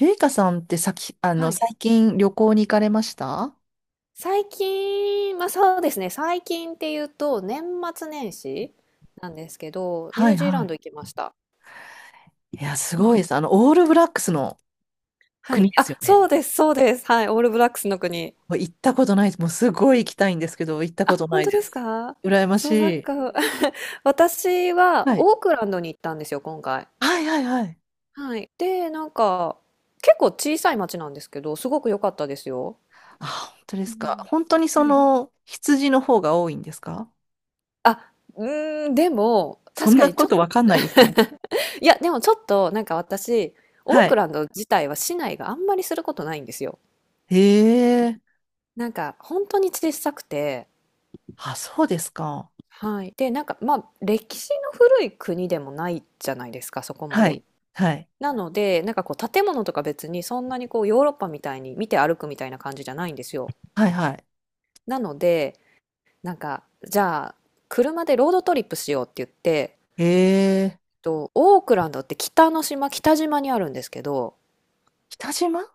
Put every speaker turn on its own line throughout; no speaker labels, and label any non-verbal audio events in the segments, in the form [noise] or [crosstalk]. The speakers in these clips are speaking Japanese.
ゆいかさんってさき、あ
は
の、
い。
最近旅行に行かれました？
最近、まあそうですね、最近っていうと、年末年始なんですけど、ニ
は
ュー
い
ジーラ
は
ン
い。
ド行きました。
いや、す
う
ご
ん。
いです。オールブラックスの
は
国
い。
で
あ、
すよね。
そうです、そうです。はい。オールブラックスの国。
もう行ったことないです。もうすごい行きたいんですけど、行った
あ、
ことな
本
い
当
で
です
す。
か？
羨まし
そう、なん
い。
か [laughs] 私は
はい。
オークランドに行ったんですよ、今回。
はいはいはい。
はい。で、なんか、結構小さい町なんですけど、すごく良かったですよ。
あ、本当で
う
すか。
ん。
本当に
はい。
羊の方が多いんですか？
あ、うーん、でも、
そ
確
ん
か
な
にち
こ
ょっ
とわかん
[laughs]
ないですよね。
いや、でもちょっと、なんか私、オー
は
ク
い。
ランド自体は市内があんまりすることないんですよ。
へえ。
なんか、本当に小さくて、
あ、そうですか。
はい。で、なんか、まあ、歴史の古い国でもないじゃないですか、そこま
は
で。
い。はい。
なので、なんかこう、建物とか別にそんなにこう、ヨーロッパみたいに見て歩くみたいな感じじゃないんですよ。
はいはい。
なので、なんか、じゃあ、車でロードトリップしようって言って、
へえ。
と、オークランドって北の島、北島にあるんですけど、
北島。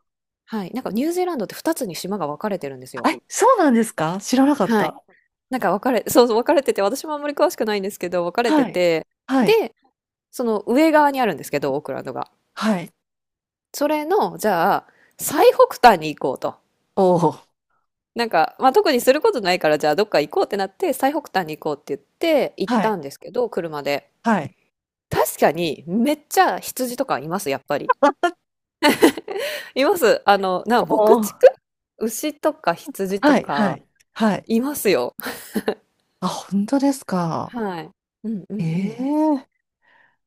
はい、なんかニュージーランドって2つに島が分かれてるんです
あ、
よ。
そうなんですか、知らなかっ
はい。
た。
なんか分かれ、[laughs] そうそう、分かれてて、私もあんまり詳しくないんですけど、分かれて
はい。
て、
はい。
で、その上側にあるんですけど、オークランドが。
はい。
それの、じゃあ、最北端に行こうと。
おお。
なんか、まあ、特にすることないから、じゃあどっか行こうってなって、最北端に行こうって言って、行っ
は
た
い。
んですけど、車で。
はい。
確かに、めっちゃ羊とかいます、やっぱり。います。あの、牧
おお。
畜
は
牛とか羊
い。
と
は
か、
い。はい。
いますよ。
あ、本当ですか。
はい。うんうんう
ええ、
ん。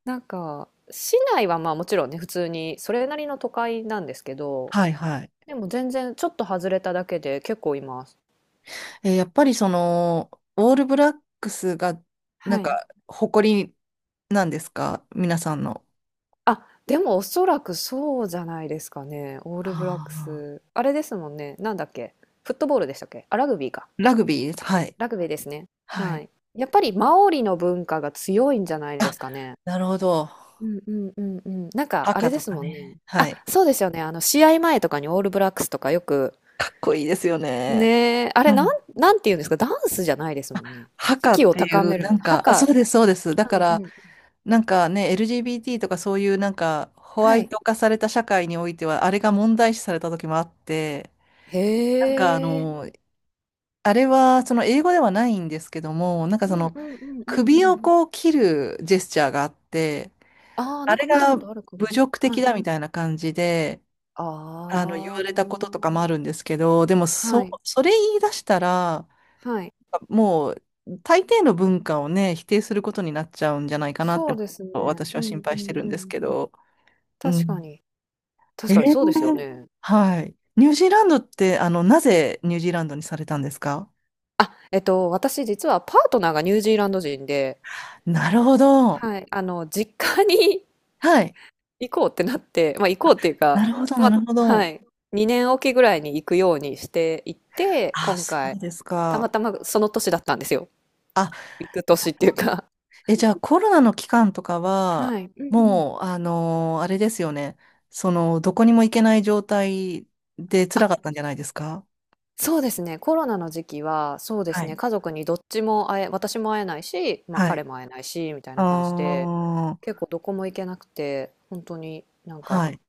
なんか、市内はまあもちろんね、普通に、それなりの都会なんですけど、
はい。はい。
でも全然ちょっと外れただけで結構います。
えー、やっぱりオールブラックスが、
はい。
誇りなんですか皆さんの？
あ、でもおそらくそうじゃないですかね。オールブラック
ああ。
ス。あれですもんね。なんだっけ。フットボールでしたっけ。あ、ラグビーか。
ラグビーです。はい。
ラグビーですね。
は
は
い。
い。やっぱりマオリの文化が強いんじゃないで
あ、
すかね。
なるほど。
うんうんうんうん。なんか、あ
赤
れで
と
す
か
もんね。
ね。は
あ、
い。
そうですよね。あの、試合前とかにオールブラックスとかよく、
かっこいいですよね。
ねえ、あ
う
れ、なん、
ん。
なんて言うんですか、ダンスじゃないです
あ、
もんね。
ハ
士
カっ
気を
てい
高め
う、
るみたいな。
あ、そうです、そうです。だか
うん
ら、
うん。
なんかね、LGBT とかそういうなんかホワ
は
イ
い。
ト化された社会においては、あれが問題視された時もあって、
へ
なんかあ
え。
の、あれはその英語ではないんですけども、
うんうんうんうんう
首を
ん。
こう切るジェスチャーがあって、
ああ、な
あ
ん
れ
か見た
が
こ
侮
とあるかも。
辱的
はい。
だみたいな感じで、
あ
言われたこととかも
あ。
あるんですけど、でも
はい。
それ言い出したら、
はい。
もう大抵の文化をね、否定することになっちゃうんじゃないかなって、
そうですね。
私
う
は心
んう
配して
ん
るん
う
です
ん。
けど。う
確か
ん、
に。確
え
かにそうですよ
え、
ね。
はい。ニュージーランドって、なぜニュージーランドにされたんですか？
あ、私実はパートナーがニュージーランド人で、
なるほど。
はい、あの、実家に
はい。
[laughs] 行こうってなって、まあ行こうっていう
なるほ
か、
ど、
ま
な
あ、
るほ
は
ど。
い、2年おきぐらいに行くようにしていって、
あ、
今
そ
回、
うです
たま
か。
たまその年だったんですよ。
あ、
行く年っていうか。
え、じゃあコロナの期間とかは、
はい、うんうん。
もう、あのー、あれですよね。その、どこにも行けない状態で辛
あ、
かったんじゃないですか？
そうですね、コロナの時期は、そうで
は
すね、
い。
家族にどっちも会え、私も会えないし、まあ
は
彼
い。
も会えないし、みたいな感じで、
あ
結
あ、
構どこも行けなくて、本当になんか、
はい。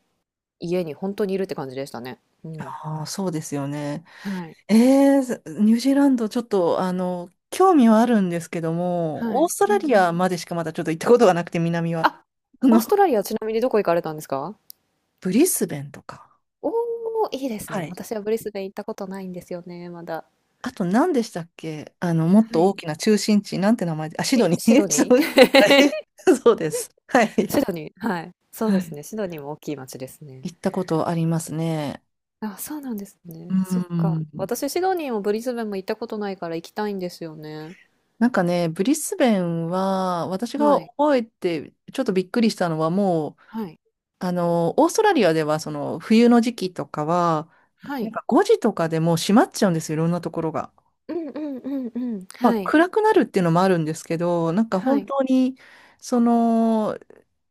家に本当にいるって感じでしたね。うん。
ああ、そうですよね。
はい、
えー、ニュージーランド、ちょっと、興味はあるんですけど
は
も、オー
い。
スト
うん
ラ
う
リア
ん。
までしかまだちょっと行ったことがなくて、南は。
あ、
あ
オー
の、
ストラ
[laughs]
リア、ちなみにどこ行かれたんですか？
ブリスベンとか。
おお。ー、いいです
は
ね。
い。
私はブリスベン行ったことないんですよね、まだ。
あと、何でしたっけあの、もっ
は
と大
い。
きな中心地、なんて名前で、あ、シド
シ、
ニ
シ
ー。
ドニー
[laughs] そうです。はい、そうです。は
[laughs]
い。
シドニー、はい。そう
は
です
い。
ね。シドニーも大きい町ですね。
行ったことありますね。
あ、そうなんです
う
ね。そっか。
ん。
私、シドニーもブリスベンも行ったことないから行きたいんですよね。
なんかね、ブリスベンは、私が
はい。
覚えて、ちょっとびっくりしたのは、もう、
はい。
オーストラリアではその冬の時期とかは、
は
なん
い。
か5時とかでもう閉まっちゃうんですよ、いろんなところが。
うんうんうんうん。
まあ、
はい。
暗くなるっていうのもあるんですけど、なんか
は
本
い。
当に、その、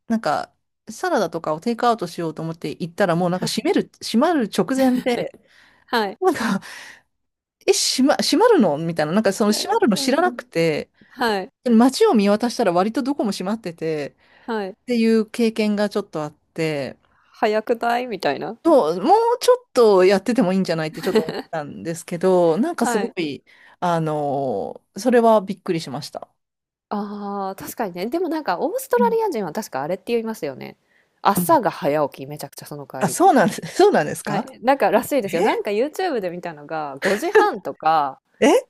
なんかサラダとかをテイクアウトしようと思って行ったら、もうなんか
はい。
閉まる直前で、
はい。
なんか、[laughs] え、閉まるのみたいな、なんかそ
う
の閉まる
ん
の
う
知ら
んう
な
ん。
くて、
はい。
街を見渡したら割とどこも閉まってて、
はい。
っていう経験がちょっとあって、
早くないみたいな。
そう、もうちょっとやっててもいいんじゃないってちょっと思ったんですけど、なんかす
は
ご
い。
い、あのそれはびっくりしました。
ああ、確かにね。でもなんかオースト
う
ラ
ん、
リア人は確かあれって言いますよね。
うん、
朝が早起き、めちゃくちゃその代わ
あ、
り。
そうなんです。[laughs] そうなんです
は
か？
い。なんからしいですよ。なんか YouTube で見たのが、5時半とか
え、え、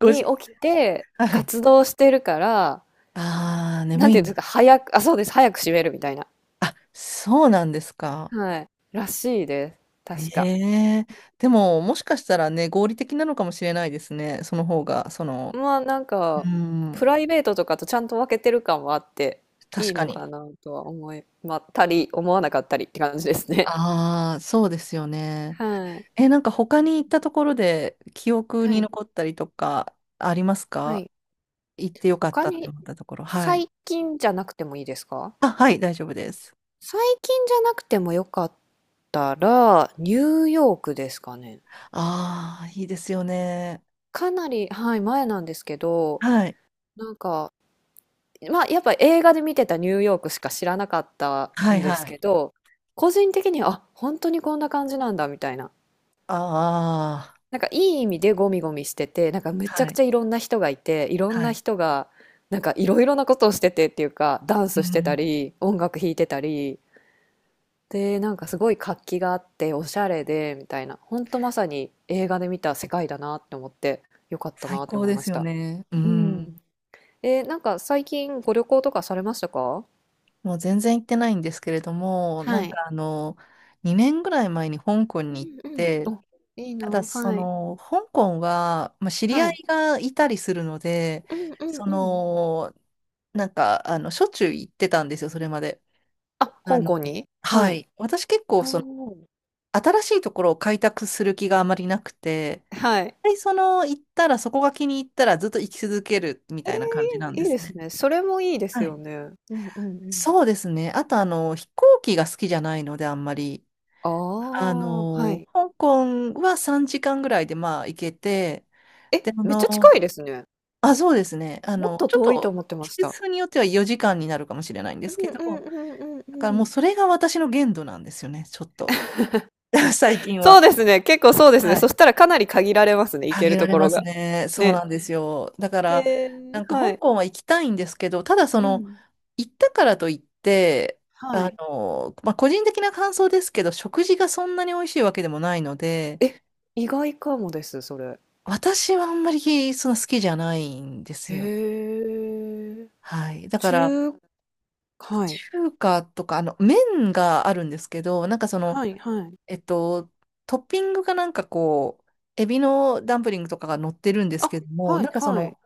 5
に
時。
起きて
はい。
活動してるから、
ああ、
な
眠
ん
い
ていうん
ん
ですか、
だ。
早く、あ、そうです。早く閉めるみたいな。
あ、そうなんですか。
はい。らしいです。確か。
ええ、でも、もしかしたらね、合理的なのかもしれないですね。その方が、
まあなん
う
か、プ
ん、
ライベートとかとちゃんと分けてる感はあって、い
確
い
か
のか
に。
なとは思いまったり、思わなかったりって感じですね。
ああ、そうですよね。
[laughs] はい。
え、なんか他に行ったところで記憶
は
に
い。
残ったりとかあります
は
か？
い。
行ってよかっ
他
たって
に、
思ったところ。はい。
最近じゃなくてもいいですか？
あ、はい、大丈夫です。
最近じゃなくてもよかったら、ニューヨークですかね。
ああ、いいですよね。
かなり、はい、前なんですけど、
はい。
なんか、まあ、やっぱ映画で見てたニューヨークしか知らなかった
はい、
んです
はい。
けど、個人的には、あ、本当にこんな感じなんだ、みたいな。
ああ、
なんか、いい意味でゴミゴミしてて、なんか、めち
は
ゃく
い、
ちゃいろんな人がいて、いろ
は
んな
い。
人が、なんか、いろいろなことをしててっていうか、ダン
う
スしてた
ん。
り、音楽弾いてたり、で、なんかすごい活気があっておしゃれでみたいな、ほんとまさに映画で見た世界だなって思って、よかった
最
なって
高
思い
で
ま
す
し
よ
た。
ね。う
う
ん。
ん。なんか最近ご旅行とかされましたか？
もう全然行ってないんですけれども、
はい。
2年ぐらい前に香港に行っ
うんうん。
て、
お、いいな。
ただそ
はい。
の、香港は、まあ、知り
は
合
い。
いがいたりするので、
うんうん
そ
うん。
の、しょっちゅう行ってたんですよ、それまで。
あ、
あ
香
の、
港に、
は
はい。
い。私結構、
おお。
新しいところを開拓する気があまりなくて、
はい。
で、その、行ったら、そこが気に入ったらずっと行き続けるみ
え
たいな感じなん
ー、
で
いいで
す
す
ね。
ね。それもいいです
は
よ
い。
ね。うんうんうん。
そうですね。あと、飛行機が好きじゃないので、あんまり。
ああ、はい。
香港は3時間ぐらいで、まあ、行けて、
え、
で、
めっちゃ近いですね。
あ、そうですね。
もっと
ちょっ
遠いと
と、
思ってま
季
した。
節によっては4時間になるかもしれないんで
う
すけ
んう
ど、
んうん
だ
う
から
んう
もう
ん。
それが私の限度なんですよね、ちょっと。[laughs] 最近
そう
は。
ですね、結構そうですね。
は
そ
い。
したらかなり限られますね、行
あ
け
げ
る
ら
と
れ
こ
ま
ろ
す
が。
ね。そうな
ね。
んですよ。だから、
へえ、
なんか
は
香
い。
港は行きたいんですけど、ただそ
う
の、
ん、
行ったからといって、
はい。
まあ、個人的な感想ですけど、食事がそんなに美味しいわけでもないので、
え、意外かもです、それ。
私はあんまりそんな好きじゃないんで
へ
すよね。
え。
はい。だから、
中、はい。
中華とか、麺があるんですけど、
はいはい。
えっと、トッピングがなんかこう、エビのダンプリングとかが乗ってるんです
あ、
けども、
はいはい。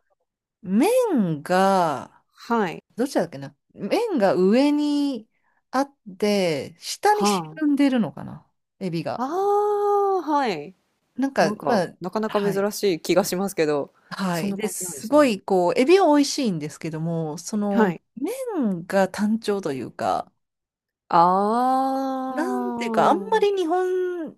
麺が、
はい。
どっちだっけな、麺が上にあって、下に沈
は
んでるのかな、エビ
あ。
が。
ああ、はい。
なん
な
か、
ん
ま
か、
あ、
なかなか
はい。
珍しい気がしますけど、
は
そん
い。
な
で、
感じなんで
す
す
ご
ね。
い、こう、エビは美味しいんですけども、そ
は
の、
い。
麺が単調というか、
あ
なんていうか、あんまり
あ。
日本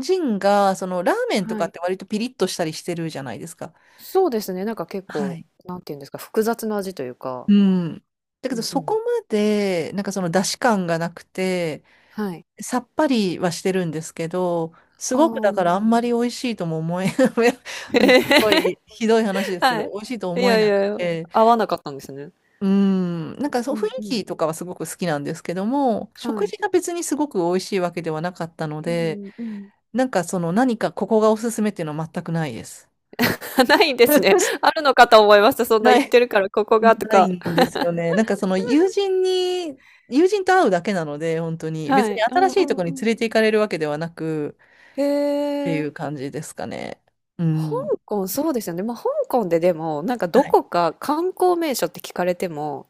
人が、その、ラーメンと
は
かっ
い。
て割とピリッとしたりしてるじゃないですか。
そうですね、なんか結
は
構、
い。
なんていうんですか、複雑な味というか、
うん。だけ
う
ど
んう
そこ
ん。
まで、なんかその出汁感がなくて、
はい。
さっぱりはしてるんですけど、す
あ
ごくだからあ
あ。
んまり美味しいとも思え、[laughs] うん、すごいひどい話
[laughs]
ですけ
は
ど、
い。
美味しいと
い
思え
やい
なく
やいや、
て、
合わなかったんですね。
うん、なんかそ
う
う雰囲
んうん。
気とかはすごく好きなんですけども、
は
食
い。
事が別にすごく美味しいわけではなかったの
う
で、
んうん。
なんかその何かここがおすすめっていうのは全くないです。
[laughs] ないんですね。
[laughs]
あるのかと思いました。そんな
な
言っ
い。
てるから、ここがと
ない
か。
んですよね。友人と会うだけなので、本当に。別
は
に
い。う
新
ん
し
う
いと
ん
ころ
う
に連れ
ん。
て行かれるわけではなく、
へ
ってい
え。
う感じですかね。う
香
ん。
港、そうですよね。まあ、香港ででも、なんかど
はい。
こか観光名所って聞かれても、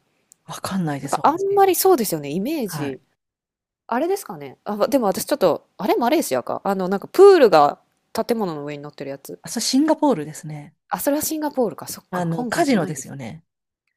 わかんないで
なん
す、
かあん
私。
まりそうですよね、イメー
はい。
ジ。あれですかね。あ、までも私ちょっと、あれマレーシアか。あの、なんかプールが建物の上に乗ってるやつ。
あ、それシンガポールですね。
あ、それはシンガポールか。そっか。香
カ
港じ
ジ
ゃ
ノ
ない
で
んで
すよ
すね。
ね。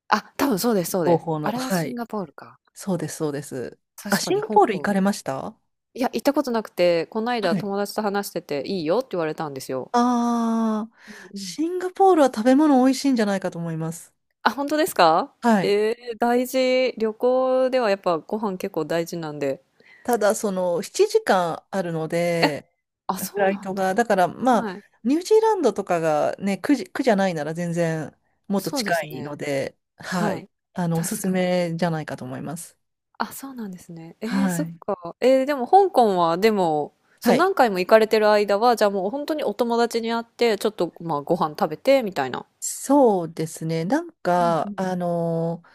あ、多分そうです、そう
合
です。
法
あ
の。
れは
は
シン
い。
ガポールか。
そうです、そうです。あ、
確か
シン
に
ガ
香
ポール行か
港。
れました？
いや、行ったことなくて、この間
はい。
友達と話してて、いいよって言われたんですよ。
ああ、
うんうん。
シンガポールは食べ物美味しいんじゃないかと思います。
あ、本当ですか？
はい。
大事。旅行ではやっぱご飯結構大事なんで。
ただ、その、7時間あるの
え、
で、
あ、
フ
そう
ライ
な
ト
ん
が、
だ。
だからまあ、
はい。
ニュージーランドとかがね、苦じゃないなら全然もっと
そう
近
です
いの
ね。
で、は
は
い。
い。
おす
確
す
かに。
めじゃないかと思います。
あ、そうなんですね。えー、
は
そっ
い。
か。えー、でも香港は、でも、そ
は
う、
い。
何回も行かれてる間は、じゃあもう本当にお友達に会って、ちょっと、まあ、ご飯食べて、みたいな。
そうですね。なん
うんう
か、
ん。
あのー、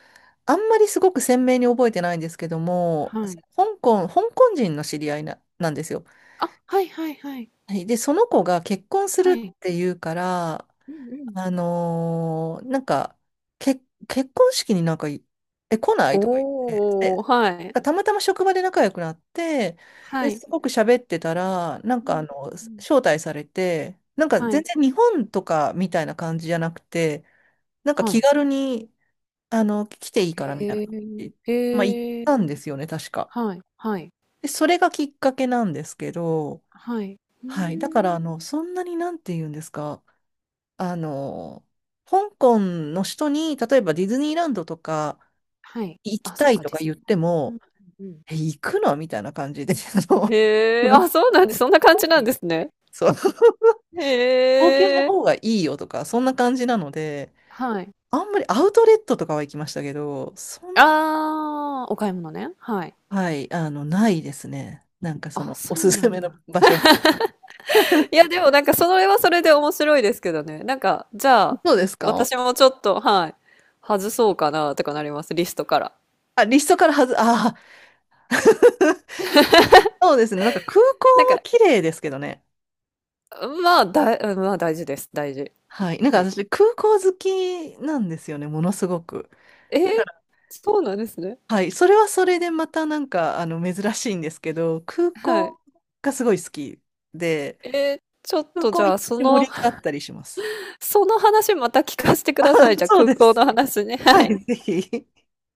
あんまりすごく鮮明に覚えてないんですけども、
はい。
香港、香港人の知り合いな、なんですよ。
あ、はいはいはい。
はい。で、その子が結婚す
は
るっ
い。
ていうから、
うんうん。
あのー、なんか、け、結婚式になんかい、え、来ないとか言っ
おー、
て。
はい。
でたまたま職場で仲良くなって、
は
で、
い。
すごく喋ってたら、
うんうんうん。
招待されて、なんか
は
全
い。
然日本とかみたいな感じじゃなくて、なんか
は
気
い。
軽に、来ていいからみたいな
へ
感
え、
じ。まあ、行っ
へえ、
たんですよね、確か。
はい、はい、
で、それがきっかけなんですけど、
はい。うー
はい。だから、
ん。
そんなになんて言うんですか、あの、香港の人に、例えばディズニーランドとか
はい。
行き
あ、そ
た
っ
い
か、
と
ディ
か
ズ
言っ
ニーラ
て
ンド。うん
も、
うんうん。
え、行くのみたいな感じで、[laughs] あの、
へ
そ
え、
の
あ、そうなんです。そんな感じなんですね。
そう、[laughs] 東京の
へ
方
え。
がいいよとか、そんな感じなので、
はい。
あんまりアウトレットとかは行きましたけど、そんな、
ああ、お買い物ね。はい。
はい、ないですね。なんかそ
あ、
の、お
そ
す
う
す
なん
めの
だ。
場所。[laughs]
いや、でもなんかそれはそれで面白いですけどね。なんか、じゃあ、
そうですか？
私もちょっと、はい、外そうかなとかなります、リストから。
あ、リストからはず、ああ、[laughs] そうですね。なんか空港
なん
は
か、
綺麗ですけどね。
まあ、うんまあ大事です、大事。
はい。なんか
はい。
私、空港好きなんですよね、ものすごく。
えー、
だから、
そうなんですね。
はい。それはそれでまたなんか、珍しいんですけど、空
はい。
港がすごい好きで、
えー、ちょっ
空
とじ
港
ゃ
行っ
あ、そ
て盛
の、
り上が
[laughs]
ったりします。
その話また聞かせてく
あ、
ださい。じゃあ、
そう
空
で
港
す。
の話ね。は
は
い。
い、ぜひ。